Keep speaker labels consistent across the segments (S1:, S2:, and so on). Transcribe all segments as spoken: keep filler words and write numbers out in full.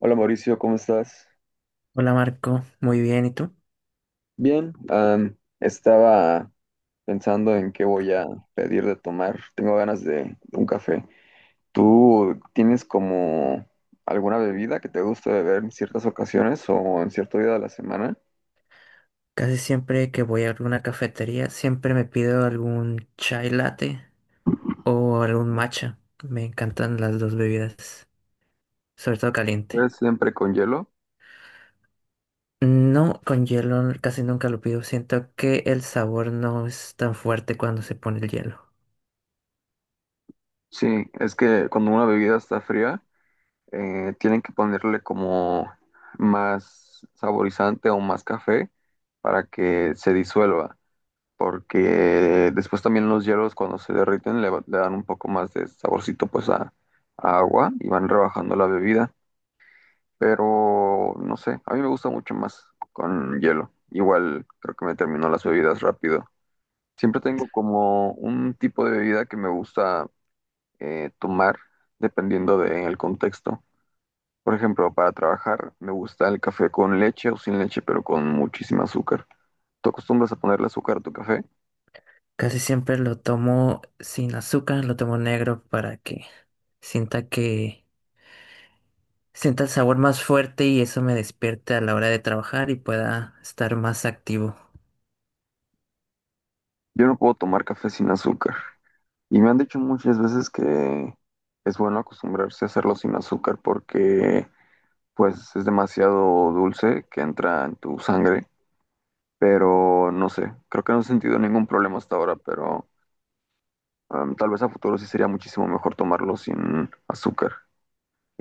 S1: Hola Mauricio, ¿cómo estás?
S2: Hola Marco, muy bien, ¿y tú?
S1: Bien, am, estaba pensando en qué voy a pedir de tomar. Tengo ganas de, un café. ¿Tú tienes como alguna bebida que te guste beber en ciertas ocasiones o en cierto día de la semana?
S2: Casi siempre que voy a alguna cafetería, siempre me pido algún chai latte o algún matcha. Me encantan las dos bebidas, sobre todo caliente.
S1: ¿Es siempre con hielo?
S2: No, con hielo casi nunca lo pido. Siento que el sabor no es tan fuerte cuando se pone el hielo.
S1: Sí, es que cuando una bebida está fría, eh, tienen que ponerle como más saborizante o más café para que se disuelva. Porque después también los hielos cuando se derriten le, va- le dan un poco más de saborcito pues a, a agua y van rebajando la bebida, pero no sé, a mí me gusta mucho más con hielo. Igual creo que me terminó las bebidas rápido. Siempre tengo como un tipo de bebida que me gusta eh, tomar dependiendo del contexto. Por ejemplo, para trabajar me gusta el café con leche o sin leche, pero con muchísima azúcar. ¿Tú acostumbras a ponerle azúcar a tu café?
S2: Casi siempre lo tomo sin azúcar, lo tomo negro para que sienta que sienta el sabor más fuerte y eso me despierte a la hora de trabajar y pueda estar más activo.
S1: Yo no puedo tomar café sin azúcar. Y me han dicho muchas veces que es bueno acostumbrarse a hacerlo sin azúcar porque pues es demasiado dulce que entra en tu sangre. Pero no sé, creo que no he sentido ningún problema hasta ahora, pero em, tal vez a futuro sí sería muchísimo mejor tomarlo sin azúcar.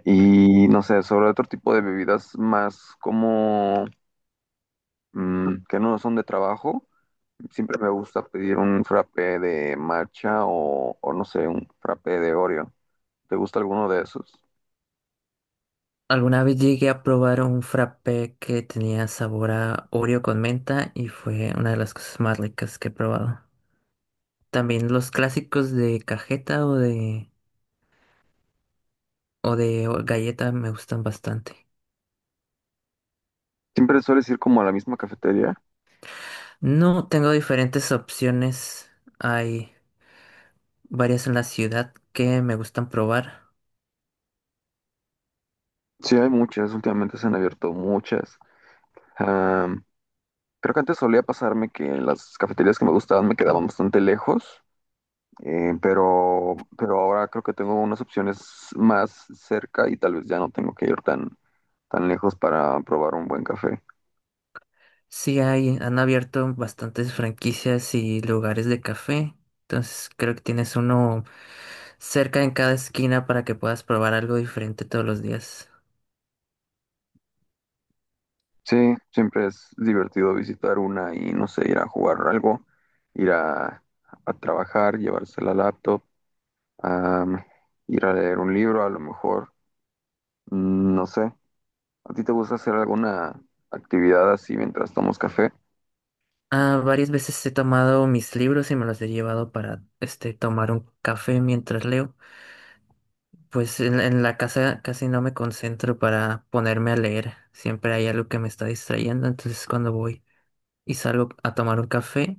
S1: Y no sé, sobre otro tipo de bebidas más como mm, que no son de trabajo, siempre me gusta pedir un frappé de matcha o, o no sé, un frappé de Oreo. ¿Te gusta alguno de esos?
S2: Alguna vez llegué a probar un frappé que tenía sabor a Oreo con menta y fue una de las cosas más ricas que he probado. También los clásicos de cajeta o de, o de o- galleta me gustan bastante.
S1: Siempre sueles ir como a la misma cafetería.
S2: No tengo diferentes opciones. Hay varias en la ciudad que me gustan probar.
S1: Sí, hay muchas, últimamente se han abierto muchas. Am, Creo que antes solía pasarme que las cafeterías que me gustaban me quedaban bastante lejos, eh, pero, pero ahora creo que tengo unas opciones más cerca y tal vez ya no tengo que ir tan, tan lejos para probar un buen café.
S2: Sí hay, han abierto bastantes franquicias y lugares de café. Entonces creo que tienes uno cerca en cada esquina para que puedas probar algo diferente todos los días.
S1: Sí, siempre es divertido visitar una y no sé, ir a jugar algo, ir a, a trabajar, llevarse la laptop, am, ir a leer un libro, a lo mejor, mm, no sé. ¿A ti te gusta hacer alguna actividad así mientras tomamos café?
S2: Ah, varias veces he tomado mis libros y me los he llevado para este tomar un café mientras leo. Pues en, en la casa casi no me concentro para ponerme a leer. Siempre hay algo que me está distrayendo, entonces cuando voy y salgo a tomar un café,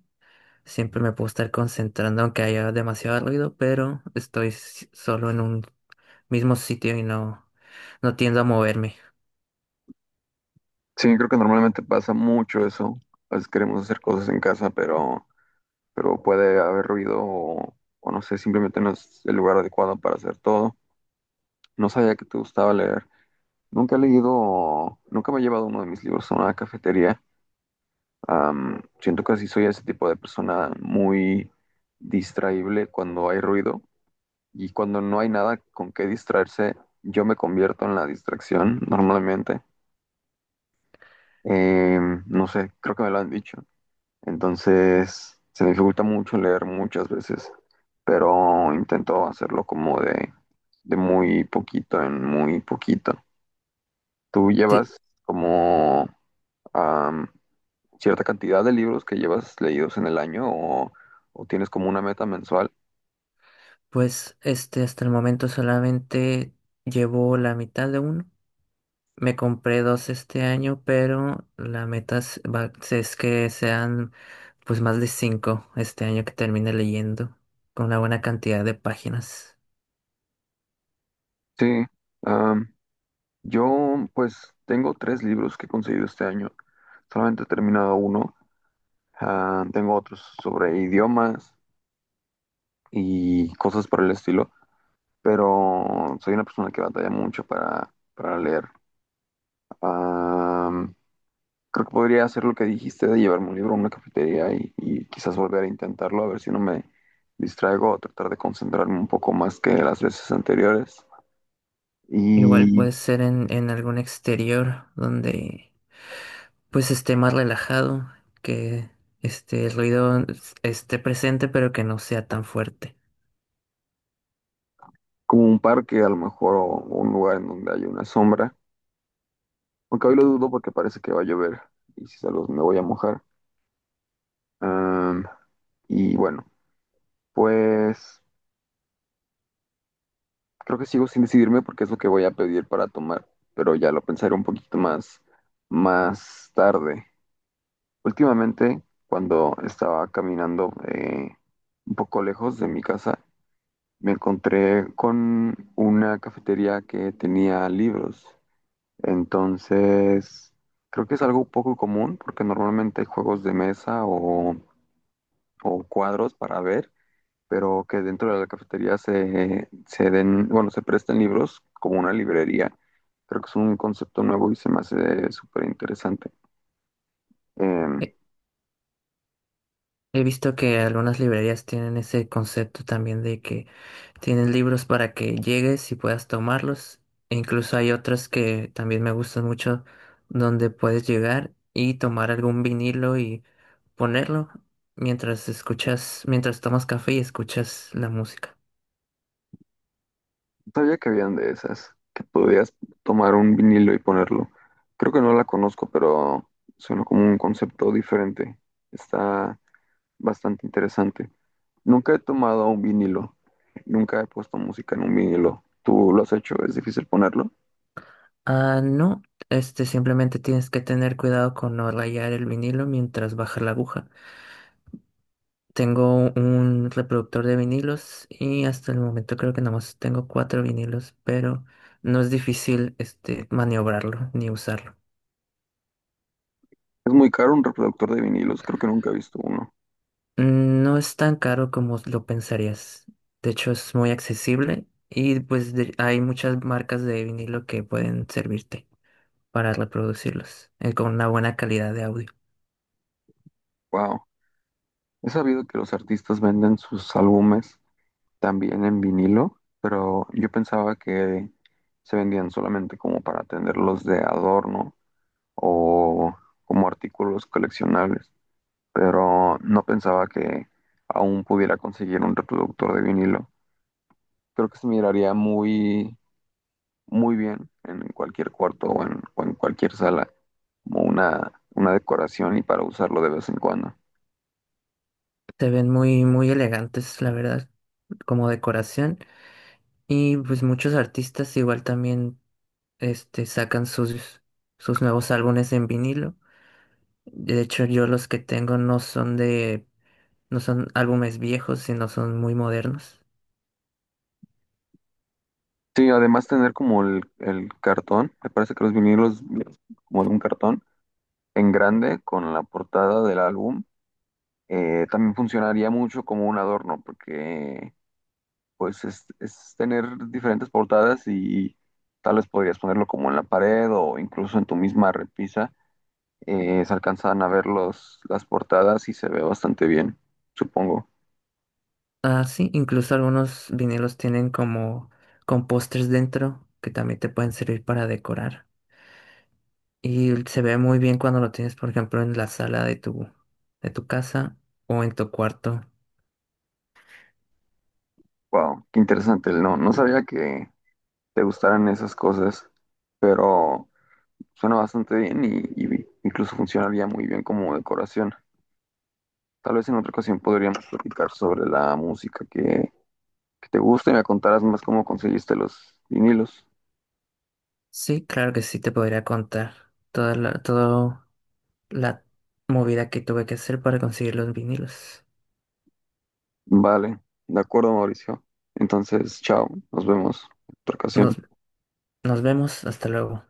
S2: siempre me puedo estar concentrando aunque haya demasiado ruido, pero estoy s- solo en un mismo sitio y no, no tiendo a moverme.
S1: Sí, creo que normalmente pasa mucho eso. A veces queremos hacer cosas en casa, pero, pero puede haber ruido o, o no sé, simplemente no es el lugar adecuado para hacer todo. No sabía que te gustaba leer. Nunca he leído, nunca me he llevado uno de mis libros a una cafetería. Am, siento que así soy ese tipo de persona muy distraíble cuando hay ruido y cuando no hay nada con qué distraerse, yo me convierto en la distracción normalmente. Em, no sé, creo que me lo han dicho. Entonces, se me dificulta mucho leer muchas veces, pero intento hacerlo como de, de muy poquito en muy poquito. Tú
S2: Sí,
S1: llevas como am, cierta cantidad de libros que llevas leídos en el año o, o tienes como una meta mensual.
S2: pues este hasta el momento solamente llevo la mitad de uno. Me compré dos este año, pero la meta es, va- es que sean pues más de cinco este año que termine leyendo, con una buena cantidad de páginas.
S1: Sí, am, yo pues tengo tres libros que he conseguido este año. Solamente he terminado uno. Ah, tengo otros sobre idiomas y cosas por el estilo, pero soy una persona que batalla mucho para, para leer. Am, Creo que podría hacer lo que dijiste de llevarme un libro a una cafetería y, y quizás volver a intentarlo, a ver si no me distraigo o tratar de concentrarme un poco más que las veces anteriores.
S2: Igual
S1: Y
S2: puede ser en, en algún exterior donde pues esté más relajado, que este el ruido es- esté presente pero que no sea tan fuerte.
S1: como un parque, a lo mejor, o un lugar en donde haya una sombra. Aunque hoy lo dudo porque parece que va a llover y si salgo me voy a mojar. Am, y bueno, pues. Creo que sigo sin decidirme porque es lo que voy a pedir para tomar, pero ya lo pensaré un poquito más, más tarde. Últimamente, cuando estaba caminando eh, un poco lejos de mi casa, me encontré con una cafetería que tenía libros. Entonces, creo que es algo poco común porque normalmente hay juegos de mesa o, o cuadros para ver pero que dentro de la cafetería se, se den, bueno, se presten libros como una librería. Creo que es un concepto nuevo y se me hace súper interesante. Em,
S2: He he visto que algunas librerías tienen ese concepto también de que tienen libros para que llegues y puedas tomarlos. E incluso hay otras que también me gustan mucho donde puedes llegar y tomar algún vinilo y ponerlo mientras escuchas, mientras tomas café y escuchas la música.
S1: sabía que habían de esas, que podías tomar un vinilo y ponerlo. Creo que no la conozco, pero suena como un concepto diferente. Está bastante interesante. Nunca he tomado un vinilo, nunca he puesto música en un vinilo. ¿Tú lo has hecho? ¿Es difícil ponerlo?
S2: Ah, no, este simplemente tienes que tener cuidado con no rayar el vinilo mientras baja la aguja. Tengo un reproductor de vinilos y hasta el momento creo que nada más tengo cuatro vinilos, pero no es difícil este maniobrarlo ni usarlo.
S1: Es muy caro un reproductor de vinilos, creo que nunca he visto uno.
S2: Mm, No es tan caro como lo pensarías. De hecho, es muy accesible y pues de- hay muchas marcas de vinilo que pueden servirte para reproducirlos eh, con una buena calidad de audio.
S1: Wow, he sabido que los artistas venden sus álbumes también en vinilo, pero yo pensaba que se vendían solamente como para tenerlos de adorno o como artículos coleccionables, pero no pensaba que aún pudiera conseguir un reproductor de vinilo. Creo que se miraría muy, muy bien en cualquier cuarto o en, o en cualquier sala, como una, una decoración y para usarlo de vez en cuando.
S2: Se ven muy, muy elegantes, la verdad, como decoración. Y pues muchos artistas igual también este, sacan sus, sus nuevos álbumes en vinilo. De hecho, yo los que tengo no son de, no son álbumes viejos, sino son muy modernos.
S1: Sí, además tener como el, el cartón, me parece que los vinilos como de un cartón en grande con la portada del álbum, eh, también funcionaría mucho como un adorno, porque pues es, es tener diferentes portadas y tal vez podrías ponerlo como en la pared o incluso en tu misma repisa, eh, se alcanzan a ver los, las portadas y se ve bastante bien, supongo.
S2: Ah, sí, incluso algunos vinilos tienen como con pósters dentro que también te pueden servir para decorar. Y se ve muy bien cuando lo tienes, por ejemplo, en la sala de tu, de tu casa o en tu cuarto.
S1: Wow, qué interesante, no, no sabía que te gustaran esas cosas, pero... Suena bastante bien y, y incluso funcionaría muy bien como decoración. Tal vez en otra ocasión podríamos platicar sobre la música que, que te gusta y me contarás más cómo conseguiste los vinilos.
S2: Sí, claro que sí te podría contar toda la- todo, la movida que tuve que hacer para conseguir los vinilos.
S1: Vale, de acuerdo, Mauricio. Entonces, chao, nos vemos en otra
S2: Nos,
S1: ocasión.
S2: nos vemos, hasta luego.